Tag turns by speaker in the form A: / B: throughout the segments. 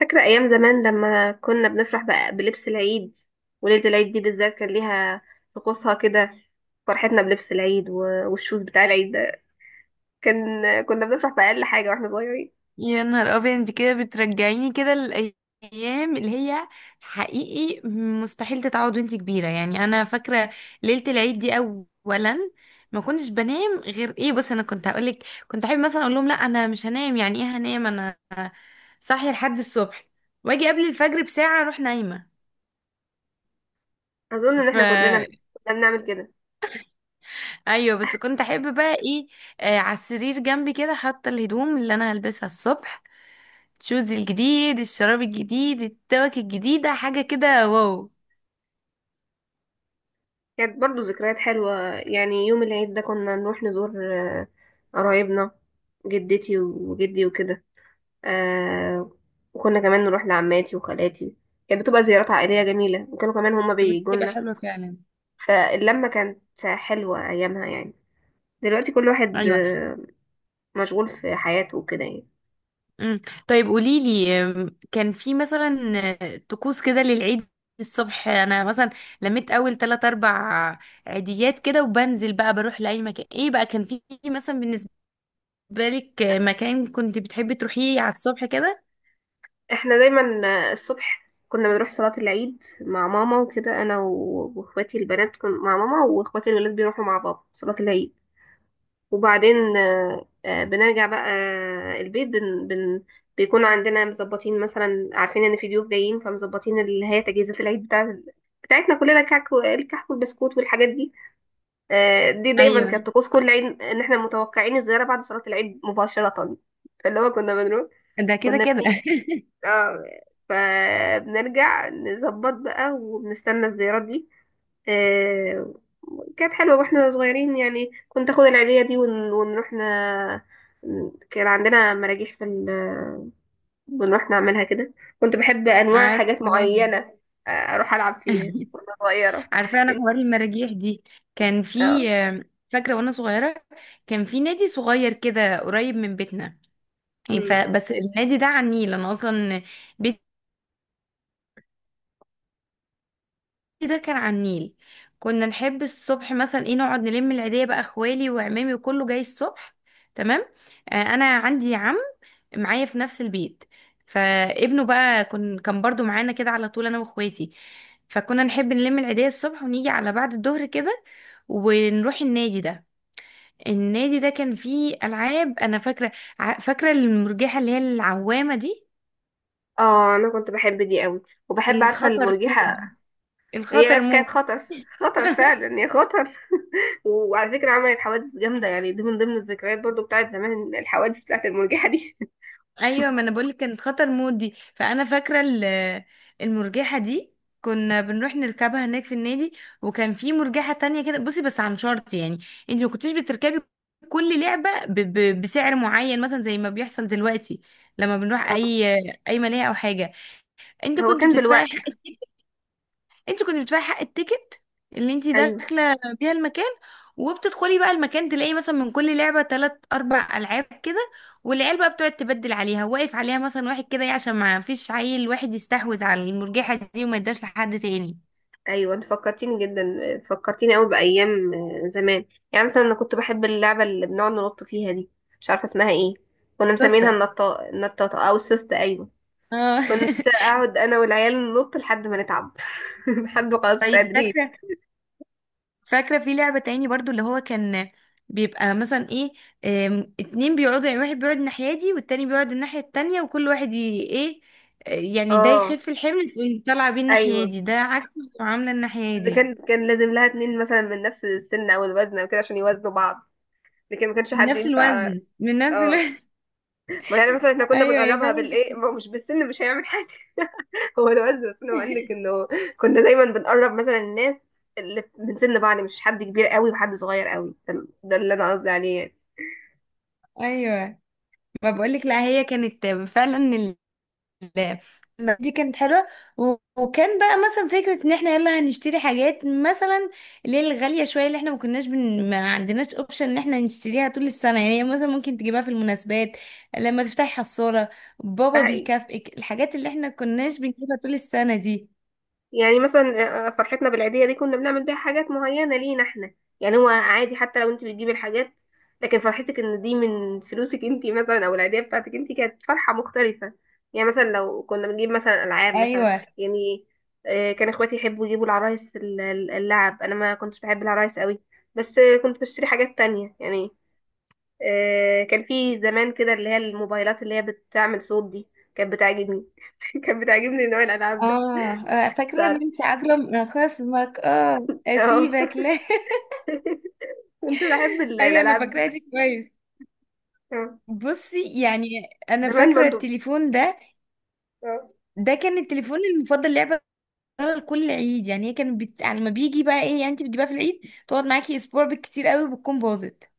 A: فاكرة أيام زمان لما كنا بنفرح بقى بلبس العيد، وليلة العيد دي بالذات كان ليها طقوسها كده. فرحتنا بلبس العيد و- والشوز بتاع العيد ده كان كنا بنفرح بأقل حاجة واحنا صغيرين.
B: يا نهار ابيض، انت كده بترجعيني كده الايام اللي هي حقيقي مستحيل تتعوض وانت كبيره. يعني انا فاكره ليله العيد دي. اولا ما كنتش بنام، غير ايه، بص انا كنت هقولك، كنت احب مثلا اقول لهم لا انا مش هنام. يعني ايه هنام؟ انا صاحيه لحد الصبح واجي قبل الفجر بساعه اروح نايمه.
A: أظن إن
B: ف
A: احنا كلنا كنا بنعمل كده.
B: ايوه، بس كنت احب بقى ايه، على السرير جنبي كده حاطه الهدوم اللي انا هلبسها الصبح، شوز الجديد، الشراب الجديد، التوك الجديدة، حاجة كده واو.
A: كانت برضو ذكريات حلوة، يعني يوم العيد ده كنا نروح نزور قرايبنا، جدتي وجدي وكده. آه، وكنا كمان نروح لعماتي وخالاتي. كانت بتبقى زيارات عائلية جميلة، وكانوا كمان هما
B: بتبقى
A: بيجولنا.
B: حلوة فعلا.
A: فاللمة كانت حلوة أيامها يعني. دلوقتي كل واحد
B: ايوه.
A: مشغول في حياته وكده يعني.
B: امم طيب قولي لي، كان في مثلا طقوس كده للعيد؟ الصبح انا مثلا لميت اول تلات اربع عيديات كده وبنزل بقى بروح لاي مكان. ايه بقى كان في مثلا بالنسبه لك، مكان كنت بتحبي تروحيه على الصبح كده؟
A: احنا دايما الصبح كنا بنروح صلاة العيد مع ماما وكده، أنا و- وإخواتي البنات كن مع ماما، وإخواتي الولاد بيروحوا مع بابا صلاة العيد. وبعدين بنرجع بقى البيت. بن بن بيكون عندنا مظبطين مثلا، عارفين إن في ضيوف جايين، فمظبطين اللي هي تجهيزات العيد بتاعتنا كلنا، الكعك الكحك والبسكوت والحاجات دي. دي دايما
B: ايوه
A: كانت طقوس كل عيد، ان احنا متوقعين الزياره بعد صلاه العيد مباشره. فاللي هو
B: ده كده
A: كنا
B: كده.
A: بنيجي. اه فبنرجع نظبط بقى وبنستنى الزيارات دي. آه، كانت حلوه واحنا صغيرين يعني، كنت اخد العيديه دي ونروح كان عندنا مراجيح في بنروح نعملها كده. كنت بحب انواع حاجات
B: عارفه.
A: معينه، اروح العب فيها وانا صغيره.
B: عارفه انا
A: كنت
B: حوار المراجيح دي. كان
A: اه
B: في فاكره وانا صغيره كان في نادي صغير كده قريب من بيتنا.
A: مم.
B: فبس النادي ده على النيل، انا اصلا بيتي ده كان على النيل. كنا نحب الصبح مثلا ايه، نقعد نلم العيديه بقى، اخوالي وعمامي وكله جاي الصبح. تمام. انا عندي عم معايا في نفس البيت، فابنه بقى كان برضو معانا كده على طول انا واخواتي. فكنا نحب نلم العيديه الصبح ونيجي على بعد الظهر كده ونروح النادي ده. النادي ده كان فيه العاب. انا فاكره، فاكره المرجحه اللي هي العوامه دي،
A: اه انا كنت بحب دي قوي، وبحب عارفه
B: الخطر مود
A: المرجحه،
B: دي،
A: هي
B: الخطر مود.
A: كانت خطر. خطر فعلا، هي خطر. وعلى فكره عملت حوادث جامده، يعني دي من ضمن الذكريات برضو بتاعت زمان، الحوادث بتاعت المرجحه دي
B: ايوه ما انا بقولك كانت خطر مود دي. فانا فاكره المرجحه دي كنا بنروح نركبها هناك في النادي. وكان في مرجحه تانية كده، بصي، بس عن شرط يعني. انت ما كنتيش بتركبي كل لعبه ب بسعر معين، مثلا زي ما بيحصل دلوقتي لما بنروح اي ملاهي او حاجه. انت
A: هو
B: كنت
A: كان
B: بتدفعي
A: بالوقت.
B: حق، انت كنت بتدفعي حق التيكت اللي انت
A: ايوه،
B: داخله بيها المكان. وبتدخلي بقى المكان تلاقي مثلا من كل لعبه تلات اربع العاب كده، والعيال بقى بتقعد تبدل عليها، واقف عليها مثلا واحد كده ايه عشان ما فيش عيل واحد يستحوذ على المرجحه دي وما يداش لحد تاني.
A: ايوه انت فكرتيني جدا، فكرتيني قوي بايام زمان. يعني مثلا انا كنت بحب اللعبه اللي بنقعد ننط فيها دي، مش عارفه اسمها ايه. كنا مسمينها
B: توستة،
A: النطاطه النطاطه او السوسته، ايوه.
B: اه.
A: كنت اقعد انا والعيال ننط لحد ما نتعب، لحد ما خلاص مش
B: طيب
A: قادرين.
B: فاكره، فاكرة في لعبة تاني برضو اللي هو كان بيبقى مثلا ايه، اتنين بيقعدوا، يعني واحد بيقعد الناحية دي والتاني بيقعد الناحية التانية وكل واحد ايه، يعني ده
A: اه
B: يخف الحمل ويطلع بيه الناحية
A: ايوه،
B: دي، ده عكس المعاملة الناحية
A: ده
B: دي.
A: كان لازم لها اتنين مثلا من نفس السن او الوزن او كده عشان يوازنوا بعض، لكن ما كانش
B: من
A: حد
B: نفس
A: ينفع.
B: الوزن، من نفس
A: اه
B: الوزن.
A: ما يعني مثلا احنا كنا
B: ايوه هي
A: بنقربها
B: فعلا
A: بالايه،
B: كده.
A: ما هو مش بالسن مش هيعمل حاجه. هو الوزن بس، انا بقول لك انه كنا دايما بنقرب مثلا الناس اللي من سن بعض، مش حد كبير قوي وحد صغير قوي، ده اللي انا قصدي عليه يعني.
B: ايوه ما بقولك، لا هي كانت فعلا، لا دي كانت حلوة. وكان بقى مثلا فكرة ان احنا يلا هنشتري حاجات مثلا اللي هي الغالية شوية، اللي احنا ما كناش ما عندناش اوبشن ان احنا نشتريها طول السنة. يعني هي مثلا ممكن تجيبها في المناسبات لما تفتحي حصالة،
A: ده
B: بابا
A: حقيقي،
B: بيكافئك الحاجات اللي احنا كناش بنجيبها طول السنة دي.
A: يعني مثلا فرحتنا بالعيدية دي كنا بنعمل بيها حاجات معينة لينا احنا، يعني هو عادي حتى لو انت بتجيبي الحاجات، لكن فرحتك ان دي من فلوسك انت مثلا او العيدية بتاعتك انت كانت فرحة مختلفة. يعني مثلا لو كنا بنجيب مثلا العاب مثلا،
B: ايوه.
A: يعني كان اخواتي يحبوا يجيبوا العرايس اللعب. انا ما كنتش بحب العرايس قوي، بس كنت بشتري حاجات تانية يعني. كان في زمان كده اللي هي الموبايلات اللي هي بتعمل صوت دي، كانت بتعجبني. كانت بتعجبني نوع الالعاب ده.
B: اه، فاكرة
A: ساعات
B: نانسي عجرم، خصمك اه
A: اه
B: اسيبك لا.
A: كنت بحب ال-
B: ايوه انا
A: الألعاب دي.
B: فاكراها دي كويس.
A: اه
B: بصي يعني انا
A: زمان
B: فاكره
A: برضو.
B: التليفون ده،
A: اه
B: ده كان التليفون المفضل لعبه. بتشتغل كل عيد، يعني هي يعني لما بيجي بقى ايه، يعني انت بتجيبها في العيد تقعد معاكي اسبوع بالكتير قوي بتكون باظت.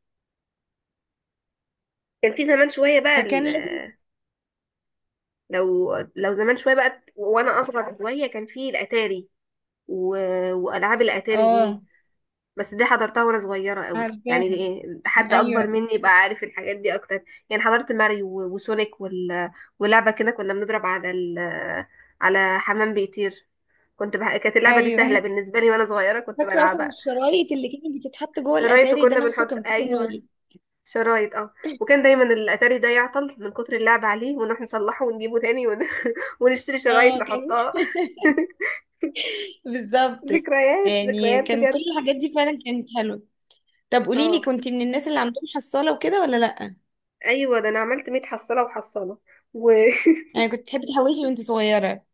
A: كان في زمان شوية بقى
B: فكان
A: ال-
B: لازم.
A: لو لو زمان شوية بقى وأنا أصغر شوية كان في الأتاري و... وألعاب الأتاري
B: اه.
A: دي. بس دي حضرتها وأنا صغيرة قوي،
B: عارفاه،
A: يعني إيه، حد أكبر
B: ايوه.
A: مني يبقى عارف الحاجات دي أكتر. يعني حضرت ماريو و- وسونيك ولعبة كده كنا بنضرب على حمام بيطير. كانت اللعبة دي سهلة
B: ايوه.
A: بالنسبة لي، وأنا صغيرة كنت
B: فاكره اصلا
A: بلعبها.
B: الشرايط اللي كانت بتتحط جوه
A: شرايط،
B: الاتاري ده،
A: وكنا
B: نفسه
A: بنحط
B: كان فيه
A: أيوه
B: شرايط.
A: شرايط. اه وكان دايما الاتاري ده يعطل من كتر اللعب عليه، ونروح نصلحه ونجيبه تاني ونشتري شرايط
B: اه كان.
A: نحطها.
B: بالظبط.
A: ذكريات
B: يعني
A: ذكريات
B: كان كل
A: بجد.
B: الحاجات دي فعلا كانت حلوه. طب قولي لي،
A: اه
B: كنت من الناس اللي عندهم حصاله وكده ولا لا؟
A: ايوه، ده انا عملت 100 حصاله وحصاله. وكنت
B: يعني كنت تحبي تحوشي وانت صغيره؟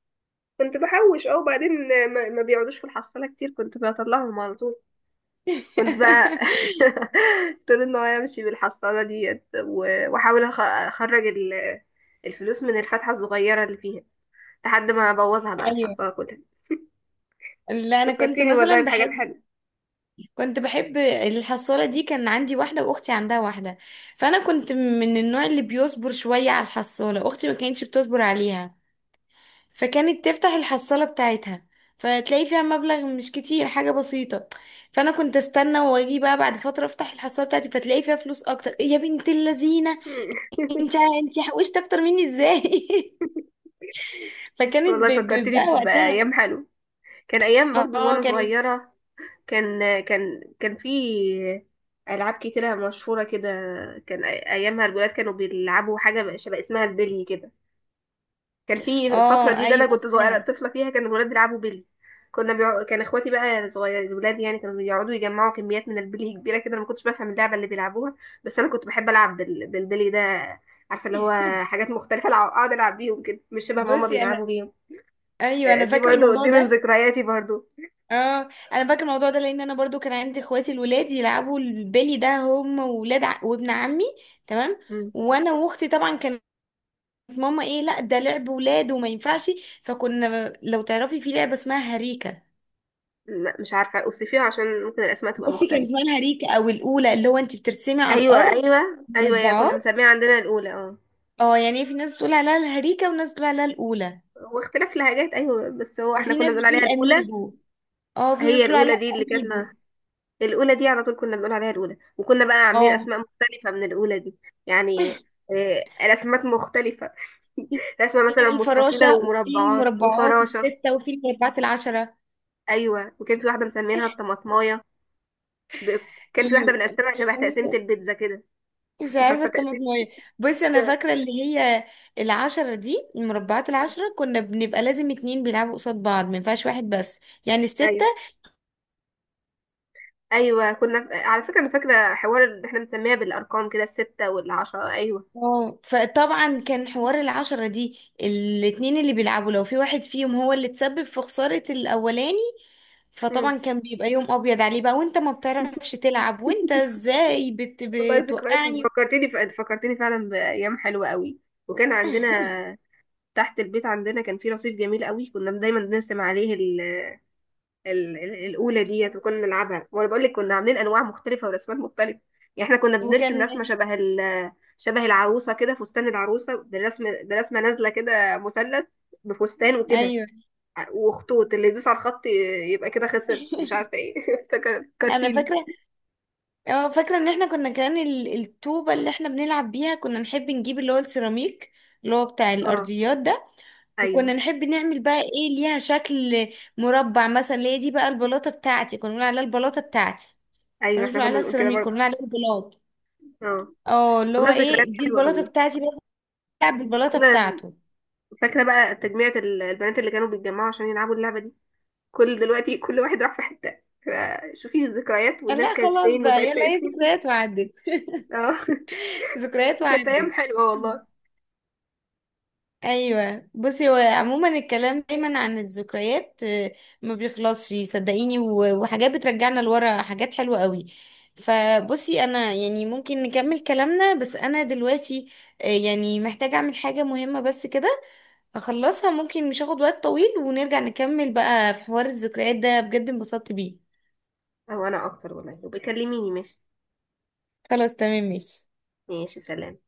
A: بحوش. اه وبعدين ما بيقعدوش في الحصاله كتير، كنت بطلعهم على طول. كنت بقى طول النهار امشي بالحصاله ديت و- واحاول اخرج الفلوس من الفتحه الصغيره اللي فيها لحد ما ابوظها بقى
B: ايوه،
A: الحصاله كلها.
B: لا انا كنت
A: فكرتيني والله
B: مثلا
A: بحاجات
B: بحب،
A: حلوه.
B: كنت بحب الحصالة دي. كان عندي واحدة وأختي عندها واحدة. فأنا كنت من النوع اللي بيصبر شوية على الحصالة، أختي ما كانتش بتصبر عليها، فكانت تفتح الحصالة بتاعتها فتلاقي فيها مبلغ مش كتير، حاجة بسيطة. فأنا كنت استنى وأجي بقى بعد فترة أفتح الحصالة بتاعتي فتلاقي فيها فلوس أكتر. إيه يا بنت اللذينة، أنت أنت حوشت أكتر مني إزاي؟
A: والله
B: فكانت
A: فكرتني
B: بقى وقتها.
A: بأيام حلوة، كان أيام برضو
B: اه
A: وأنا
B: كانت.
A: صغيرة. كان في ألعاب كتيرة مشهورة كده. كان أيامها الولاد كانوا بيلعبوا حاجة شبه اسمها البلي كده. كان في الفترة دي
B: اه
A: اللي أنا
B: أيوه
A: كنت صغيرة
B: عارفاها.
A: طفلة فيها كان الولاد بيلعبوا بلي. كان اخواتي بقى صغير الولاد يعني كانوا بيقعدوا يجمعوا كميات من البلي كبيرة كده. أنا ما كنتش بفهم اللعبة اللي بيلعبوها، بس أنا كنت بحب ألعب بالبلي ده، عارفة اللي هو حاجات مختلفة أقعد ألعب بيهم كده مش شبه ما هما
B: بصي أنا،
A: بيلعبوا بيهم.
B: ايوه انا
A: دي
B: فاكره
A: برضو
B: الموضوع
A: دي من
B: ده.
A: ذكرياتي برضو.
B: اه انا فاكره الموضوع ده لان انا برضو كان عندي اخواتي الولاد يلعبوا البلي ده هم وابن عمي. تمام.
A: مم.
B: وانا واختي طبعا كانت ماما ايه، لا ده لعب ولاد وما ينفعش. فكنا، لو تعرفي، في لعبه اسمها هريكه.
A: لا مش عارفة أوصفيها عشان ممكن الأسماء تبقى
B: بصي كان
A: مختلفة.
B: اسمها الهريكه او الاولى، اللي هو انت بترسمي على
A: أيوة
B: الارض
A: أيوة أيوة، هي كنا
B: مربعات.
A: بنسميها عندنا الأولى. اه
B: اه يعني إيه؟ في ناس بتقول عليها الهريكه وناس بتقول عليها الاولى،
A: هو اختلاف لهجات، أيوة بس هو احنا
B: وفي
A: كنا
B: ناس
A: بنقول عليها
B: بتقول
A: الأولى.
B: اميجو. اه، في ناس
A: هي
B: بتقول عليها
A: الأولى دي اللي كانت
B: اميجو.
A: الأولى دي على طول كنا بنقول عليها الأولى، وكنا بقى عاملين
B: اه،
A: أسماء مختلفة من الأولى دي. يعني رسمات مختلفة، رسمة مثلا
B: في
A: مستطيلة
B: الفراشة وفي
A: ومربعات
B: المربعات
A: وفراشة.
B: الستة وفي المربعات العشرة.
A: أيوة، وكان في واحدة مسمينها الطماطماية، ب- كان في واحدة
B: ال-
A: بنقسمها شبه تقسيمة
B: مش
A: البيتزا كده.
B: مش عارفة
A: عارفة تقسيمة.
B: الطماطمية. بس أنا فاكرة اللي هي العشرة دي، المربعات العشرة كنا بنبقى لازم اتنين بيلعبوا قصاد بعض، ما ينفعش واحد بس. يعني الستة،
A: ايوه ايوه، كنا على فكره انا فاكره حوار اللي احنا بنسميها بالارقام كده، السته والعشره، ايوه.
B: اه. فطبعا كان حوار العشرة دي الاتنين اللي بيلعبوا، لو في واحد فيهم هو اللي تسبب في خسارة الأولاني،
A: مم.
B: فطبعا كان بيبقى يوم أبيض عليه بقى. وانت ما بتعرفش تلعب، وانت ازاي
A: والله ذكريات، انت
B: بتوقعني؟
A: فكرتني ف... انت فكرتني فعلا بايام حلوه قوي. وكان عندنا تحت البيت عندنا كان في رصيف جميل قوي، كنا دايما بنرسم عليه الاولى ديت وكنا نلعبها. وانا بقول لك كنا عاملين انواع مختلفه ورسمات مختلفه، يعني احنا كنا بنرسم
B: وكان.
A: رسمه شبه العروسه كده، فستان العروسه بالرسم برسمه نازله كده مثلث بفستان وكده،
B: ايوه.
A: وخطوط اللي يدوس على الخط يبقى كده خسر ومش عارفه ايه.
B: انا
A: فكرتيني.
B: فاكره. اه فاكره ان احنا كنا كمان الطوبه اللي احنا بنلعب بيها كنا نحب نجيب اللي هو السيراميك، اللي هو بتاع
A: اه
B: الارضيات ده.
A: ايوه
B: وكنا نحب نعمل بقى ايه، ليها شكل مربع مثلا، اللي هي دي بقى البلاطه بتاعتي، كنا بنقول عليها البلاطه بتاعتي،
A: ايوه،
B: كنا بنقول
A: احنا كنا
B: عليها
A: بنقول كده
B: السيراميك، كنا
A: برضه.
B: بنقول عليها البلاط.
A: اه
B: اه، اللي
A: والله
B: هو
A: ذكريات
B: ايه دي
A: حلوه
B: البلاطه
A: قوي.
B: بتاعتي بقى، بيلعب بالبلاطه
A: كنا
B: بتاعته.
A: فاكره بقى تجميعة البنات اللي كانوا بيتجمعوا عشان يلعبوا اللعبه دي. كل دلوقتي كل واحد راح في حته، شوفي الذكريات
B: قال لا
A: والناس كانت
B: خلاص
A: فين
B: بقى،
A: وبقت
B: يلا هي
A: فين.
B: ذكريات وعدت.
A: اه
B: ذكريات
A: كانت ايام
B: وعدت.
A: حلوه والله.
B: ايوه بصي هو عموما الكلام دايما عن الذكريات، ما بيخلصش صدقيني. وحاجات بترجعنا لورا حاجات حلوه قوي. فبصي انا يعني ممكن نكمل كلامنا، بس انا دلوقتي يعني محتاجه اعمل حاجه مهمه بس كده اخلصها، ممكن مش هاخد وقت طويل ونرجع نكمل بقى في حوار الذكريات ده، بجد انبسطت بيه.
A: او انا اكتر والله، وبيكلميني ماشي.
B: خلاص تمام ماشي.
A: ماشي سلام